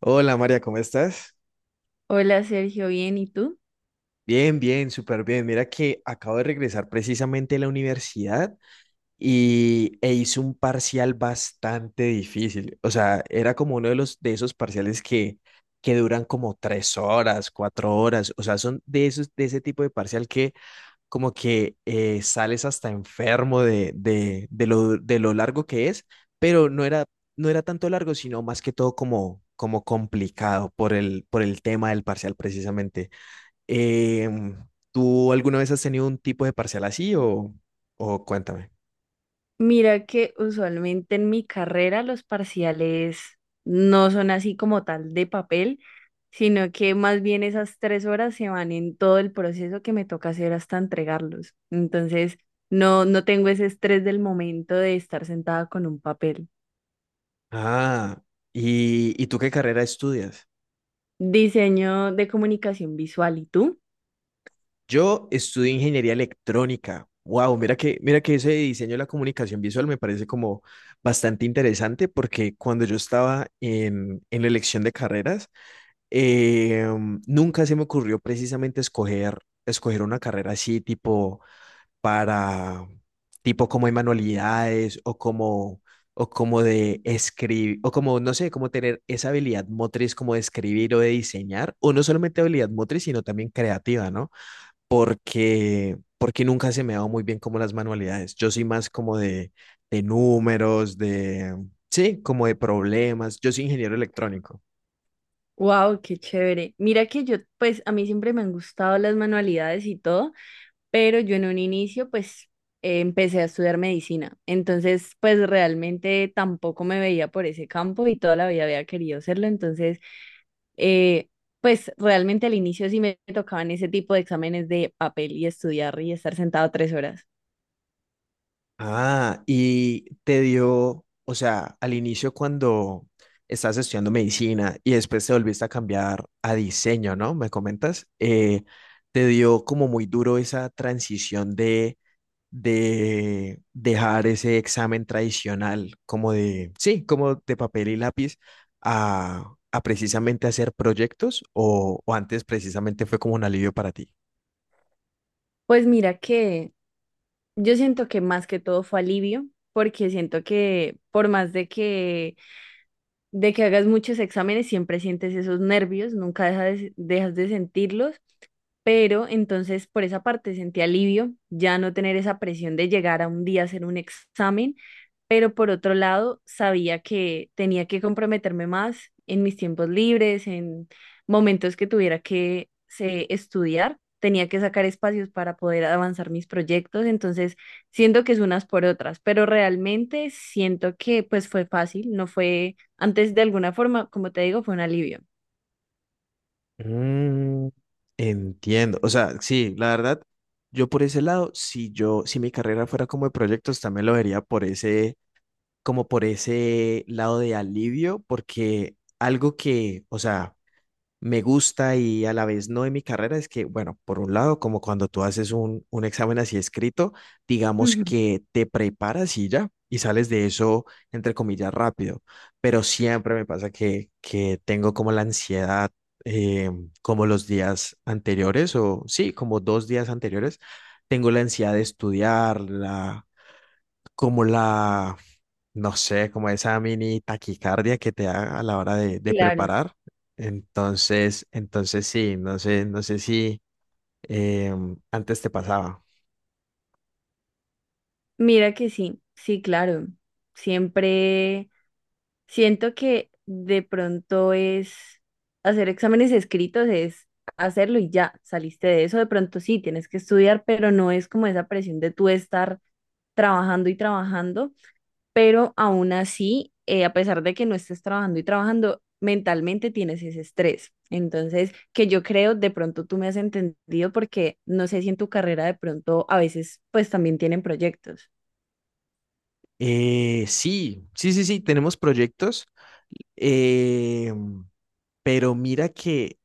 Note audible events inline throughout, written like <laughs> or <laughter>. Hola María, ¿cómo estás? Hola Sergio, bien, ¿y tú? Bien, bien, súper bien. Mira que acabo de regresar precisamente de la universidad y hice un parcial bastante difícil. O sea, era como uno de los de esos parciales que duran como tres horas, cuatro horas. O sea, son de esos de ese tipo de parcial que como que sales hasta enfermo de lo largo que es, pero no era tanto largo, sino más que todo como complicado por el tema del parcial precisamente. Em, ¿Tú alguna vez has tenido un tipo de parcial así o cuéntame? Mira que usualmente en mi carrera los parciales no son así como tal de papel, sino que más bien esas 3 horas se van en todo el proceso que me toca hacer hasta entregarlos. Entonces, no, no tengo ese estrés del momento de estar sentada con un papel. Ah, y tú qué carrera estudias? Diseño de comunicación visual, ¿y tú? Yo estudio ingeniería electrónica. Wow, mira que ese diseño de la comunicación visual me parece como bastante interesante porque cuando yo estaba en la elección de carreras, eh, nunca se me ocurrió precisamente escoger, escoger una carrera así tipo para tipo como hay manualidades o como de escribir o como no sé, como tener esa habilidad motriz como de escribir o de diseñar o no solamente habilidad motriz, sino también creativa, ¿no? Porque nunca se me ha dado muy bien como las manualidades. Yo soy más como de números, de sí, como de problemas. Yo soy ingeniero electrónico. Wow, qué chévere. Mira que yo, pues a mí siempre me han gustado las manualidades y todo. Pero yo en un inicio, pues empecé a estudiar medicina, entonces pues realmente tampoco me veía por ese campo y toda la vida había querido hacerlo. Entonces, eh, pues realmente al inicio sí me tocaban ese tipo de exámenes de papel y estudiar y estar sentado 3 horas. Ah, y te dio, o sea, al inicio cuando estás estudiando medicina y después te volviste a cambiar a diseño, ¿no? Me comentas, te dio como muy duro esa transición de dejar ese examen tradicional, como de, sí, como de papel y lápiz, a precisamente hacer proyectos o antes precisamente fue como un alivio para ti. Pues mira que yo siento que más que todo fue alivio, porque siento que por más de que hagas muchos exámenes, siempre sientes esos nervios, nunca dejas de sentirlos, pero entonces por esa parte sentí alivio, ya no tener esa presión de llegar a un día a hacer un examen, pero por otro lado sabía que tenía que comprometerme más en mis tiempos libres, en momentos que tuviera que estudiar. Tenía que sacar espacios para poder avanzar mis proyectos. Entonces, siento que es unas por otras, pero realmente siento que pues fue fácil, no fue antes; de alguna forma, como te digo, fue un alivio. Mm, entiendo. O sea, sí, la verdad, yo por ese lado, si yo, si mi carrera fuera como de proyectos, también lo vería por ese, como por ese lado de alivio, porque algo que, o sea, me gusta y a la vez no en mi carrera es que, bueno, por un lado, como cuando tú haces un examen así escrito, digamos Ujú. que te preparas y ya, y sales de eso, entre comillas, rápido, pero siempre me pasa que tengo como la ansiedad, eh, como los días anteriores, o sí, como dos días anteriores, tengo la ansiedad de estudiar, la, como la no sé, como esa mini taquicardia que te da a la hora de Claro. preparar. Entonces sí, no sé, no sé si antes te pasaba. Mira que sí, sí, claro. Siempre siento que de pronto es hacer exámenes escritos, es hacerlo y ya, saliste de eso. De pronto sí, tienes que estudiar, pero no es como esa presión de tú estar trabajando y trabajando. Pero aún así, a pesar de que no estés trabajando y trabajando, mentalmente tienes ese estrés. Entonces, que yo creo, de pronto tú me has entendido, porque no sé si en tu carrera de pronto a veces pues también tienen proyectos. Sí, sí, sí, sí, tenemos proyectos, em, pero mira que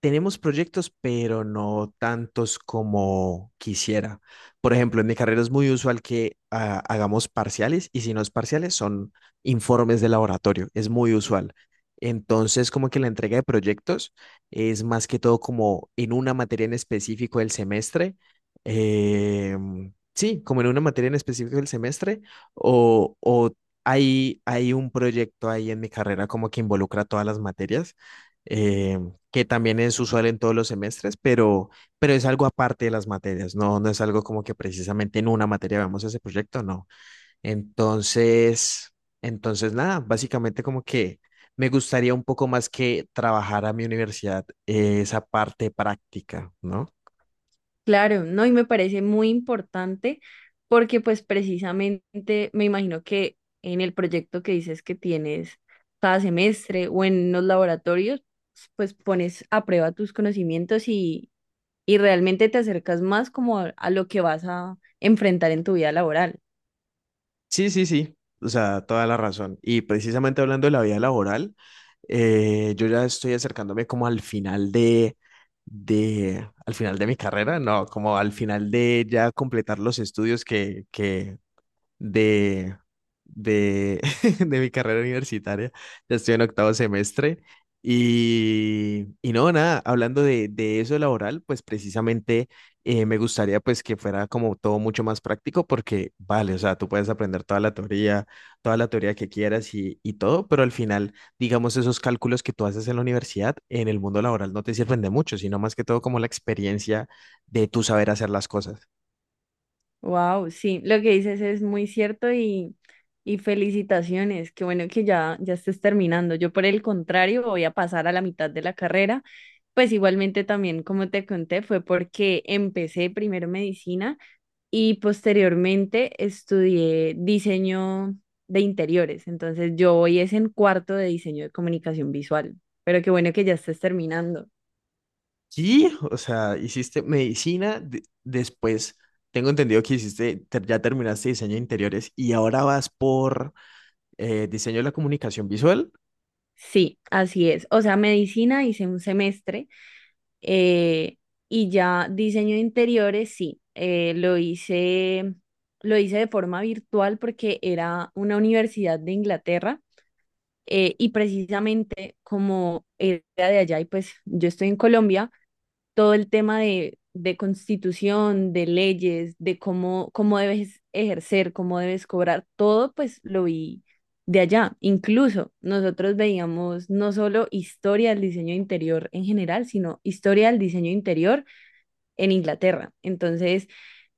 tenemos proyectos, pero no tantos como quisiera. Por ejemplo, en mi carrera es muy usual que hagamos parciales y si no es parciales son informes de laboratorio. Es muy usual. Entonces, como que la entrega de proyectos es más que todo como en una materia en específico del semestre. eh, sí, como en una materia en específico del semestre o hay un proyecto ahí en mi carrera como que involucra todas las materias. Eh, que también es usual en todos los semestres, pero es algo aparte de las materias, no, no es algo como que precisamente en una materia vamos ese proyecto, no. Entonces, entonces nada, básicamente como que me gustaría un poco más que trabajar a mi universidad esa parte práctica, ¿no? Claro, ¿no? Y me parece muy importante porque pues precisamente me imagino que en el proyecto que dices que tienes cada semestre o en los laboratorios, pues pones a prueba tus conocimientos, y realmente te acercas más como a lo que vas a enfrentar en tu vida laboral. Sí, sí, sí, o sea, toda la razón. Y precisamente hablando de la vida laboral, yo ya estoy acercándome como al final de, al final de mi carrera, no, como al final de ya completar los estudios que de, de, <laughs> de mi carrera universitaria. Ya estoy en octavo semestre. Y no, nada, hablando de eso laboral, pues precisamente me gustaría pues que fuera como todo mucho más práctico porque, vale, o sea, tú puedes aprender toda la teoría que quieras y todo, pero al final, digamos, esos cálculos que tú haces en la universidad, en el mundo laboral no te sirven de mucho, sino más que todo como la experiencia de tú saber hacer las cosas. Wow, sí, lo que dices es muy cierto, y felicitaciones, qué bueno que ya, ya estés terminando. Yo por el contrario voy a pasar a la mitad de la carrera, pues igualmente también, como te conté, fue porque empecé primero medicina y posteriormente estudié diseño de interiores. Entonces, yo hoy es en cuarto de diseño de comunicación visual, pero qué bueno que ya estés terminando. Sí, o sea, hiciste medicina, de- después tengo entendido que hiciste, ter- ya terminaste diseño de interiores y ahora vas por diseño de la comunicación visual. Sí, así es. O sea, medicina hice un semestre, eh, y ya diseño de interiores, sí, lo hice de forma virtual porque era una universidad de Inglaterra, y precisamente, como era de allá y pues yo estoy en Colombia, todo el tema de, constitución, de leyes, de cómo debes ejercer, cómo debes cobrar, todo pues lo vi de allá. Incluso nosotros veíamos no solo historia del diseño interior en general, sino historia del diseño interior en Inglaterra. Entonces,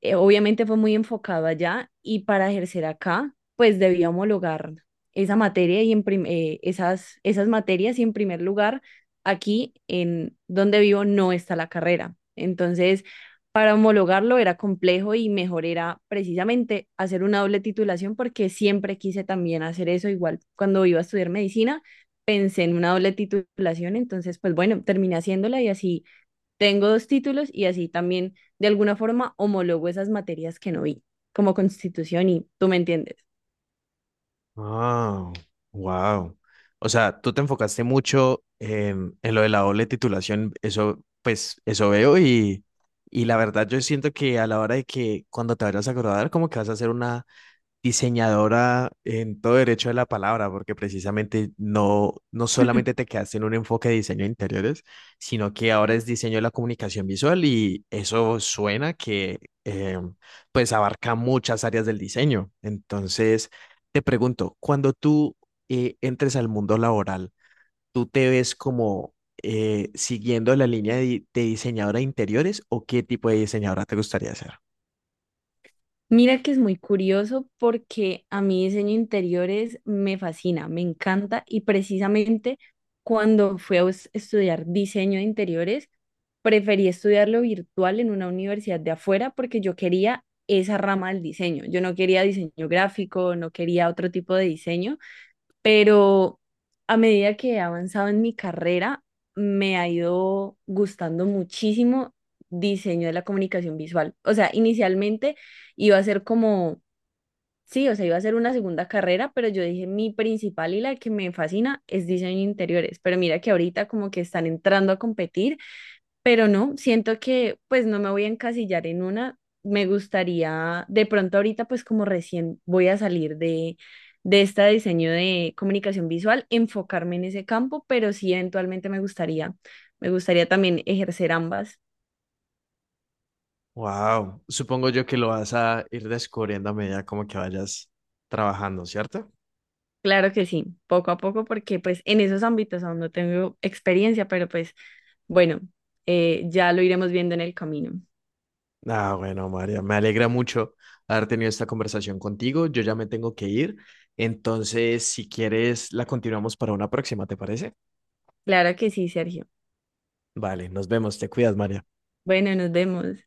obviamente fue muy enfocado allá, y para ejercer acá pues debía homologar esa materia y esas materias, y en primer lugar, aquí en donde vivo no está la carrera. Entonces, para homologarlo era complejo y mejor era precisamente hacer una doble titulación, porque siempre quise también hacer eso. Igual cuando iba a estudiar medicina, pensé en una doble titulación; entonces pues bueno, terminé haciéndola, y así tengo dos títulos y así también de alguna forma homologo esas materias que no vi, como constitución, y tú me entiendes. Ah, wow. O sea, tú te enfocaste mucho en lo de la doble titulación, eso, pues, eso veo y la verdad yo siento que a la hora de que cuando te vayas a graduar, como que vas a hacer una diseñadora en todo derecho de la palabra, porque precisamente no, no solamente te <laughs> quedaste en un enfoque de diseño de interiores, sino que ahora es diseño de la comunicación visual y eso suena que eh, pues abarca muchas áreas del diseño. Entonces, te pregunto, cuando tú entres al mundo laboral, ¿tú te ves como siguiendo la línea de, di- de diseñadora de interiores o qué tipo de diseñadora te gustaría ser? Mira que es muy curioso porque a mí diseño de interiores me fascina, me encanta, y precisamente cuando fui a estudiar diseño de interiores, preferí estudiarlo virtual en una universidad de afuera porque yo quería esa rama del diseño. Yo no quería diseño gráfico, no quería otro tipo de diseño, pero a medida que he avanzado en mi carrera, me ha ido gustando muchísimo diseño de la comunicación visual. O sea, inicialmente iba a ser como, sí, o sea, iba a ser una segunda carrera, pero yo dije, mi principal y la que me fascina es diseño de interiores. Pero mira que ahorita como que están entrando a competir, pero no, siento que pues no me voy a encasillar en una. Me gustaría, de pronto ahorita, pues como recién voy a salir de este diseño de comunicación visual, enfocarme en ese campo, pero sí eventualmente me gustaría también ejercer ambas. Wow, supongo yo que lo vas a ir descubriendo a medida como que vayas trabajando, ¿cierto? Claro que sí, poco a poco, porque pues en esos ámbitos aún no tengo experiencia, pero pues bueno, ya lo iremos viendo en el camino. Ah, bueno, María, me alegra mucho haber tenido esta conversación contigo. Yo ya me tengo que ir, entonces si quieres la continuamos para una próxima, ¿te parece? Claro que sí, Sergio. Vale, nos vemos, te cuidas, María. Bueno, nos vemos.